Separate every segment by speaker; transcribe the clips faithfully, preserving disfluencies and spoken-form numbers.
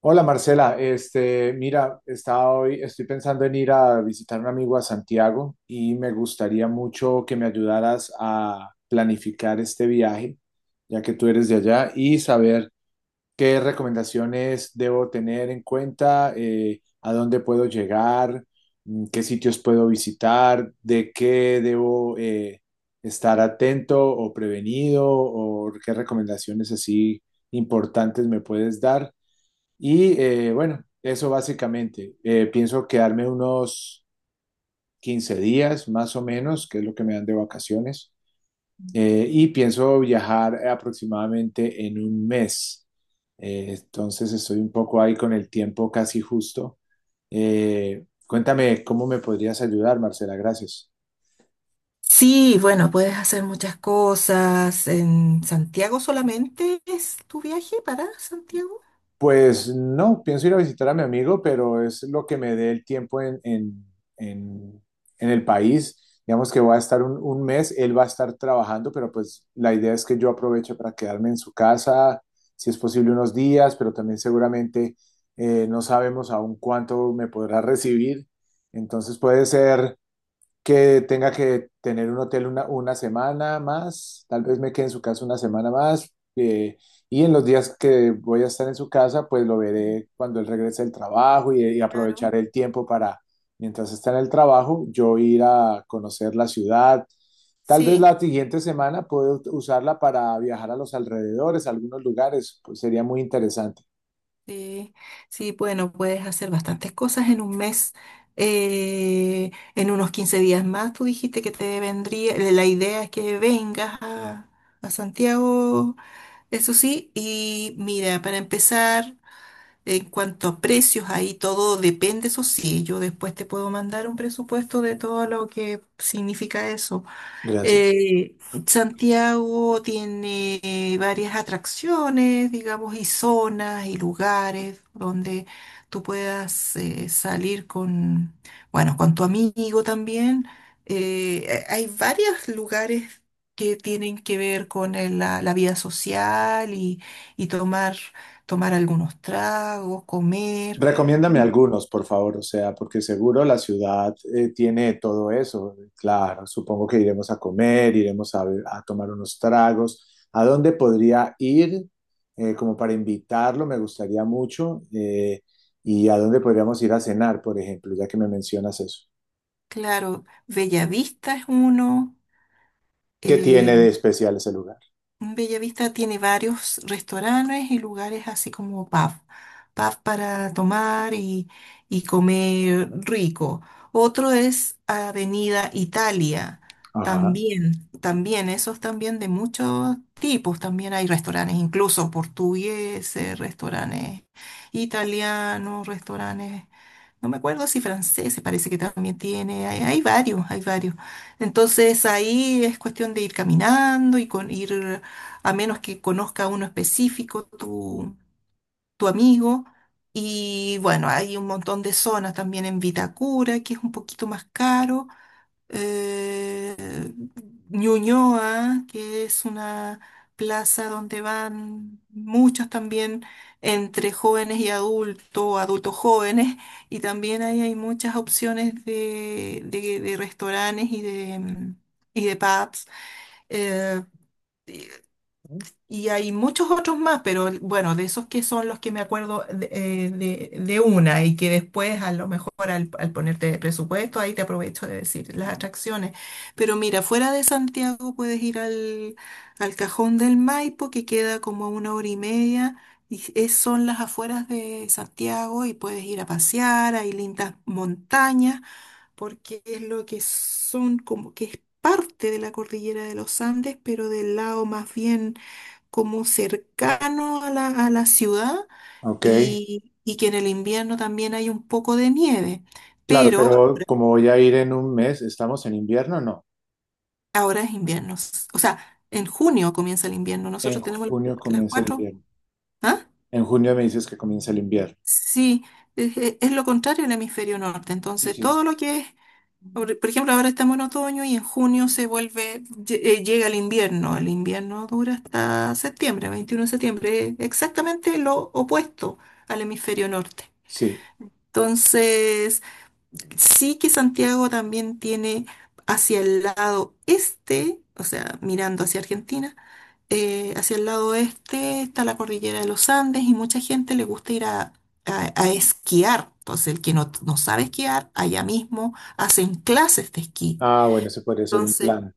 Speaker 1: Hola Marcela, este, mira, estaba hoy, estoy pensando en ir a visitar a un amigo a Santiago y me gustaría mucho que me ayudaras a planificar este viaje, ya que tú eres de allá, y saber qué recomendaciones debo tener en cuenta, eh, a dónde puedo llegar, mm, qué sitios puedo visitar, de qué debo eh, estar atento o prevenido, o qué recomendaciones así importantes me puedes dar y eh, bueno, eso básicamente. Eh, pienso quedarme unos quince días más o menos, que es lo que me dan de vacaciones. Eh, y pienso viajar aproximadamente en un mes. Eh, entonces estoy un poco ahí con el tiempo casi justo. Eh, cuéntame cómo me podrías ayudar, Marcela. Gracias.
Speaker 2: Sí, bueno, puedes hacer muchas cosas. ¿En Santiago solamente es tu viaje para Santiago?
Speaker 1: Pues no, pienso ir a visitar a mi amigo, pero es lo que me dé el tiempo en, en, en- en el país. Digamos que voy a estar un, un mes, él va a estar trabajando, pero pues la idea es que yo aproveche para quedarme en su casa, si es posible unos días, pero también seguramente eh, no sabemos aún cuánto me podrá recibir. Entonces puede ser que tenga que tener un hotel una, una semana más, tal vez me quede en su casa una semana más, eh, y en los días que voy a estar en su casa, pues lo veré cuando él regrese del trabajo y, y
Speaker 2: Claro.
Speaker 1: aprovechar el tiempo para, mientras está en el trabajo, yo ir a conocer la ciudad. Tal vez
Speaker 2: Sí,
Speaker 1: la siguiente semana puedo usarla para viajar a los alrededores, a algunos lugares, pues sería muy interesante.
Speaker 2: sí, sí, bueno, puedes hacer bastantes cosas en un mes. Eh, en unos quince días más, tú dijiste que te vendría, eh, la idea es que vengas a, a Santiago, eso sí, y mira, para empezar. En cuanto a precios, ahí todo depende, eso sí, yo después te puedo mandar un presupuesto de todo lo que significa eso.
Speaker 1: Gracias.
Speaker 2: Eh, Santiago tiene eh, varias atracciones, digamos, y zonas y lugares donde tú puedas eh, salir con, bueno, con tu amigo también. Eh, hay varios lugares que tienen que ver con el- la, la vida social y, y tomar, tomar algunos tragos, comer.
Speaker 1: Recomiéndame algunos, por favor, o sea, porque seguro la ciudad eh, tiene todo eso. Claro, supongo que iremos a comer, iremos a, be- a tomar unos tragos. ¿A dónde podría ir? Eh, como para invitarlo, me gustaría mucho. Eh, ¿y a dónde podríamos ir a cenar, por ejemplo, ya que me mencionas eso?
Speaker 2: Claro, Bellavista es uno.
Speaker 1: ¿Qué
Speaker 2: eh,
Speaker 1: tiene de especial ese lugar?
Speaker 2: Bellavista tiene varios restaurantes y lugares así como pub, pub para tomar y, y comer rico. Otro es Avenida Italia,
Speaker 1: Ajá,
Speaker 2: también, también, esos también de muchos tipos, también hay restaurantes, incluso portugueses, restaurantes italianos, restaurantes, no me acuerdo si franceses, parece que también tiene, hay hay varios, hay varios. Entonces ahí es cuestión de ir caminando y con ir a menos que conozca a uno específico, tu, tu amigo. Y bueno, hay un montón de zonas también en Vitacura, que es un poquito más caro. eh, Ñuñoa, que es una plaza donde van muchos también entre jóvenes y adultos, adultos jóvenes, y también ahí hay muchas opciones de, de- de restaurantes y de, mm, y de pubs. Eh, y hay muchos otros más, pero bueno, de esos que son los que me acuerdo de, eh, de- de una y que después a lo mejor al, al ponerte presupuesto, ahí te aprovecho de decir las atracciones. Pero mira, fuera de Santiago puedes ir al, al Cajón del Maipo, que queda como a una hora y media, y es- son las afueras de Santiago y puedes ir a pasear, hay lindas montañas, porque es lo que son como que es parte de la cordillera de los Andes, pero del lado más bien como cercano a la, a la ciudad
Speaker 1: ok.
Speaker 2: y, y que en el invierno también hay un poco de nieve,
Speaker 1: Claro,
Speaker 2: pero
Speaker 1: pero como voy a ir en un mes, ¿estamos en invierno? O no.
Speaker 2: ahora es invierno. s- O sea, en junio comienza el invierno.
Speaker 1: En
Speaker 2: Nosotros tenemos las,
Speaker 1: junio
Speaker 2: cu- las
Speaker 1: comienza el
Speaker 2: cuatro.
Speaker 1: invierno.
Speaker 2: ¿Ah?
Speaker 1: En junio me dices que comienza el invierno.
Speaker 2: Sí, es, es- es lo contrario del hemisferio norte.
Speaker 1: Sí,
Speaker 2: Entonces,
Speaker 1: sí.
Speaker 2: todo lo que es, por por ejemplo, ahora estamos en otoño y en junio se vuelve, lle- eh, llega el invierno. El invierno dura hasta septiembre, veintiuno de septiembre, exactamente lo opuesto al hemisferio norte.
Speaker 1: Sí.
Speaker 2: Entonces, sí que Santiago también tiene hacia el lado este, o sea, mirando hacia Argentina, eh, hacia el lado este está la cordillera de los Andes y mucha gente le gusta ir a, a- a esquiar. Entonces, el que no, no sabe esquiar, allá mismo hacen clases de esquí.
Speaker 1: Ah, bueno, ese podría ser un
Speaker 2: Entonces,
Speaker 1: plan.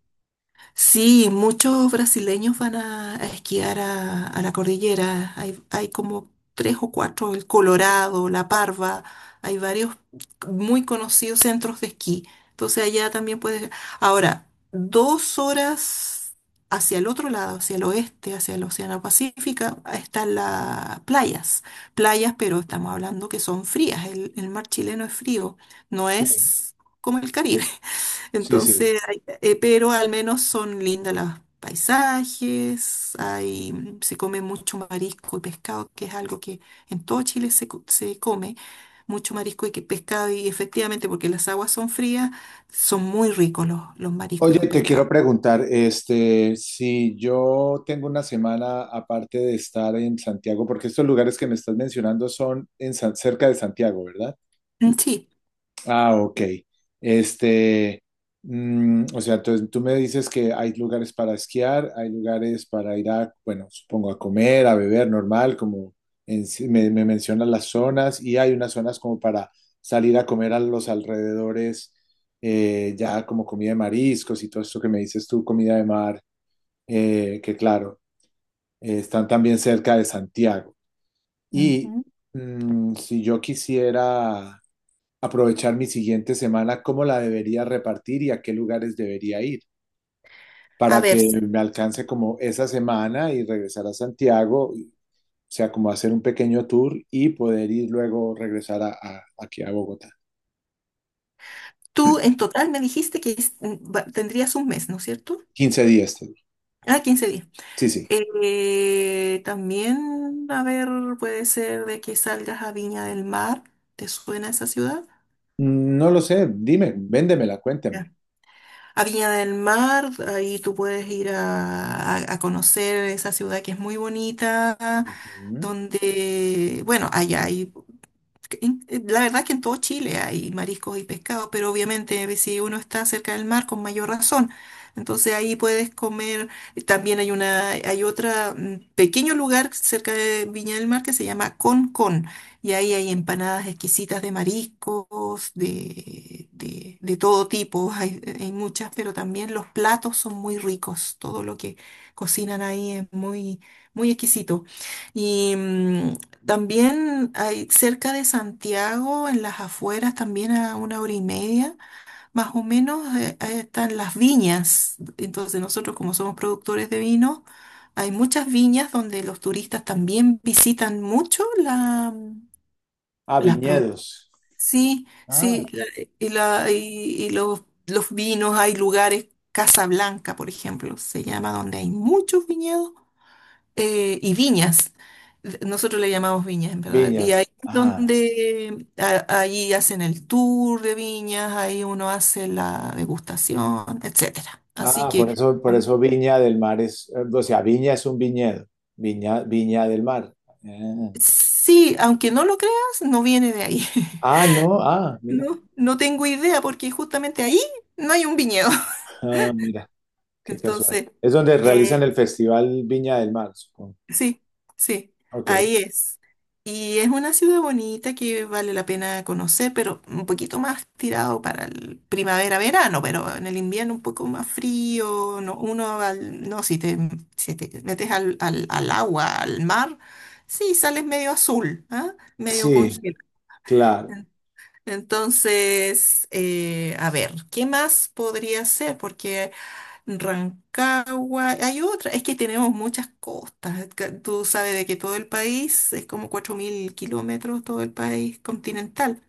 Speaker 2: sí, muchos brasileños van a, a esquiar a, a la cordillera. Hay, hay como tres o cuatro, el Colorado, La Parva, hay varios muy conocidos centros de esquí. Entonces allá también puedes. Ahora, dos horas hacia el otro lado, hacia el oeste, hacia el Océano Pacífico, están las playas. Playas, pero estamos hablando que son frías. El, el mar chileno es frío, no
Speaker 1: Sí,
Speaker 2: es como el Caribe.
Speaker 1: sí, sí.
Speaker 2: Entonces, hay- eh, pero al menos son lindas los paisajes, hay, mm, se come mucho marisco y pescado, que es algo que en todo Chile se, co- se come, mucho marisco y que- pescado, y efectivamente, porque las aguas son frías, son muy ricos los, los mariscos
Speaker 1: Oye,
Speaker 2: y los
Speaker 1: te quiero
Speaker 2: pescados.
Speaker 1: preguntar, este, si yo tengo una semana aparte de estar en Santiago, porque estos lugares que me estás mencionando son en San- cerca de Santiago, ¿verdad?
Speaker 2: Mm, sí,
Speaker 1: Ah, ok. Este, mm, o sea, entonces tú me dices que hay lugares para esquiar, hay lugares para ir a, bueno, supongo a comer, a beber, normal, como en sí- me, me mencionas las zonas, y hay unas zonas como para salir a comer a los alrededores, eh, ya como comida de mariscos y todo esto que me dices tú, comida de mar, eh, que claro, eh, están también cerca de Santiago. Y
Speaker 2: ujú.
Speaker 1: mm, si yo quisiera aprovechar mi siguiente semana, cómo la debería repartir y a qué lugares debería ir
Speaker 2: A
Speaker 1: para
Speaker 2: ver,
Speaker 1: que me alcance como esa semana y regresar a Santiago, y- o sea, como hacer un pequeño tour y poder ir luego regresar a, a- aquí a Bogotá.
Speaker 2: tú en total me dijiste que es- mm, va- tendrías un mes, ¿no es cierto?
Speaker 1: Quince días, te digo.
Speaker 2: Ah, quince días.
Speaker 1: Sí, sí.
Speaker 2: Eh, también, a ver, puede ser de que salgas a Viña del Mar. ¿Te suena esa ciudad?
Speaker 1: Mm, no lo sé, dime, véndemela, cuéntame.
Speaker 2: Ya. A Viña del Mar, ahí tú puedes ir a, a- a conocer esa ciudad que es muy bonita,
Speaker 1: Ujú.
Speaker 2: donde, bueno, allá hay que en- eh, La verdad que en todo Chile hay mariscos y pescados, pero obviamente si uno está cerca del mar, con mayor razón. Entonces ahí puedes comer. eh, También hay una, hay otra mm, pequeño lugar cerca de Viña del Mar que se llama Con Con. Y ahí hay empanadas exquisitas de mariscos, de, de, de todo tipo. Hay, hay muchas, pero también los platos son muy ricos. Todo lo que cocinan ahí es muy, muy exquisito. Y, mm, también hay cerca de Santiago, en las afueras, también a una hora y media, más o menos, eh, ahí están las viñas. Entonces nosotros como somos productores de vino, hay muchas viñas donde los turistas también visitan mucho la,
Speaker 1: Ah,
Speaker 2: las produ-
Speaker 1: viñedos.
Speaker 2: sí,
Speaker 1: Ah,
Speaker 2: sí, la- y, la, y, y los, los vinos, hay lugares, Casa Blanca, por ejemplo, se llama, donde hay muchos viñedos eh, y viñas. Nosotros le llamamos viñas, en verdad. Y ahí
Speaker 1: viñas.
Speaker 2: es
Speaker 1: Ajá.
Speaker 2: donde a- ahí hacen el tour de viñas, ahí uno hace la degustación, etcétera. Así
Speaker 1: Ah, por
Speaker 2: que
Speaker 1: eso, por
Speaker 2: mm,
Speaker 1: eso Viña del Mar es, eh, o sea, Viña es un viñedo. Viña, Viña del Mar. Ah.
Speaker 2: sí, aunque no lo creas, no viene de ahí.
Speaker 1: Ah, no, ah, mira,
Speaker 2: No, no tengo idea porque justamente ahí no hay un viñedo.
Speaker 1: ah, mira, qué casual.
Speaker 2: Entonces,
Speaker 1: Es donde realizan
Speaker 2: eh,
Speaker 1: el Festival Viña del Mar, supongo.
Speaker 2: sí, sí,
Speaker 1: Ok,
Speaker 2: ahí es. Y es una ciudad bonita que vale la pena conocer, pero un poquito más tirado para el primavera-verano, pero en el invierno un poco más frío, no, uno va al- no, si te, si te metes al, al, al agua, al mar, sí, sales medio azul, ¿ah? Medio
Speaker 1: sí,
Speaker 2: congelado.
Speaker 1: claro,
Speaker 2: En- Entonces, eh, a ver, ¿qué más podría ser? Porque Rancagua, hay otra, es que tenemos muchas costas, ca- tú sabes de que todo el país es como cuatro mil kilómetros, todo el país continental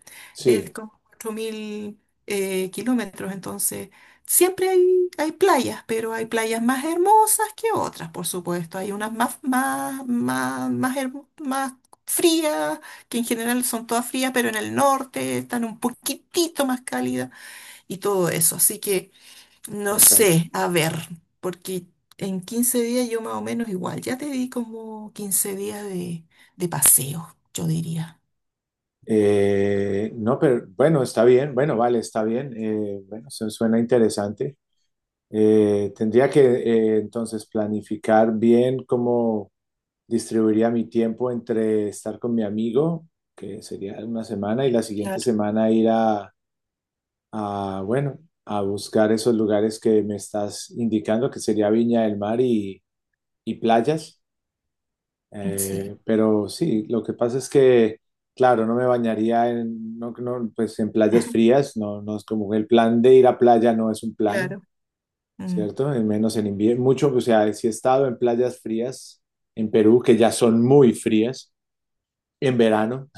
Speaker 2: es
Speaker 1: sí,
Speaker 2: como cuatro mil eh, kilómetros, entonces siempre hay, hay playas, pero hay playas más hermosas que otras, por supuesto, hay unas más, más, más, más, hermo- más frías, que en general son todas frías, pero en el norte están un poquitito más cálidas y todo eso, así que. No
Speaker 1: perfecto.
Speaker 2: sé, a ver, porque en quince días yo más o menos igual, ya te di como quince días de, de paseo, yo diría.
Speaker 1: Eh, no, pero bueno, está bien, bueno, vale, está bien. eh, bueno, eso suena interesante. Eh, tendría que eh, entonces planificar bien cómo distribuiría mi tiempo entre estar con mi amigo, que sería una semana, y la siguiente
Speaker 2: Claro.
Speaker 1: semana ir a a, bueno, a buscar esos lugares que me estás indicando, que sería Viña del Mar y, y playas.
Speaker 2: Sí,
Speaker 1: Eh, pero sí, lo que pasa es que, claro, no me bañaría en, no, no, pues en playas frías, no, no es como el plan de ir a playa no es un plan,
Speaker 2: claro. Mm.
Speaker 1: ¿cierto? Y menos en invierno, mucho, o sea, sí he estado en playas frías en Perú, que ya son muy frías. En verano,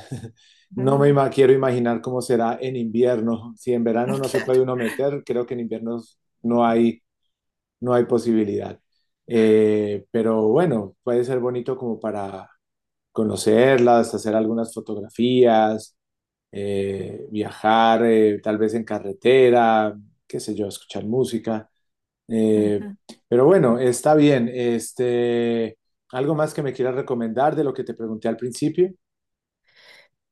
Speaker 1: no me ima- quiero imaginar cómo será en invierno. Si en verano no se
Speaker 2: Claro.
Speaker 1: puede uno meter, creo que en invierno no hay no hay posibilidad. Eh, pero bueno, puede ser bonito como para conocerlas, hacer algunas fotografías, eh, viajar eh, tal vez en carretera, qué sé yo, escuchar música. Eh,
Speaker 2: Ujú.
Speaker 1: pero bueno, está bien. Este, ¿algo más que me quieras recomendar de lo que te pregunté al principio?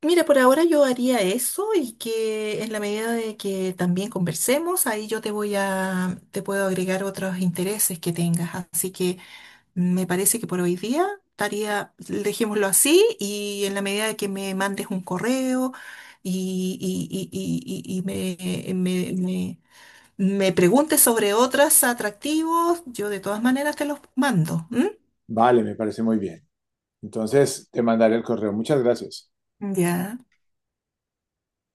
Speaker 2: Mira, por ahora yo haría eso y que en la medida de que también conversemos, ahí yo te voy a, te puedo agregar otros intereses que tengas. Así que me parece que por hoy día estaría, dejémoslo así y en la medida de que me mandes un correo y, y- y- y- y- y me, me, me- me preguntes sobre otros atractivos, yo de todas maneras te los mando. ¿M?
Speaker 1: Vale, me parece muy bien. Entonces, te mandaré el correo. Muchas gracias.
Speaker 2: Ya.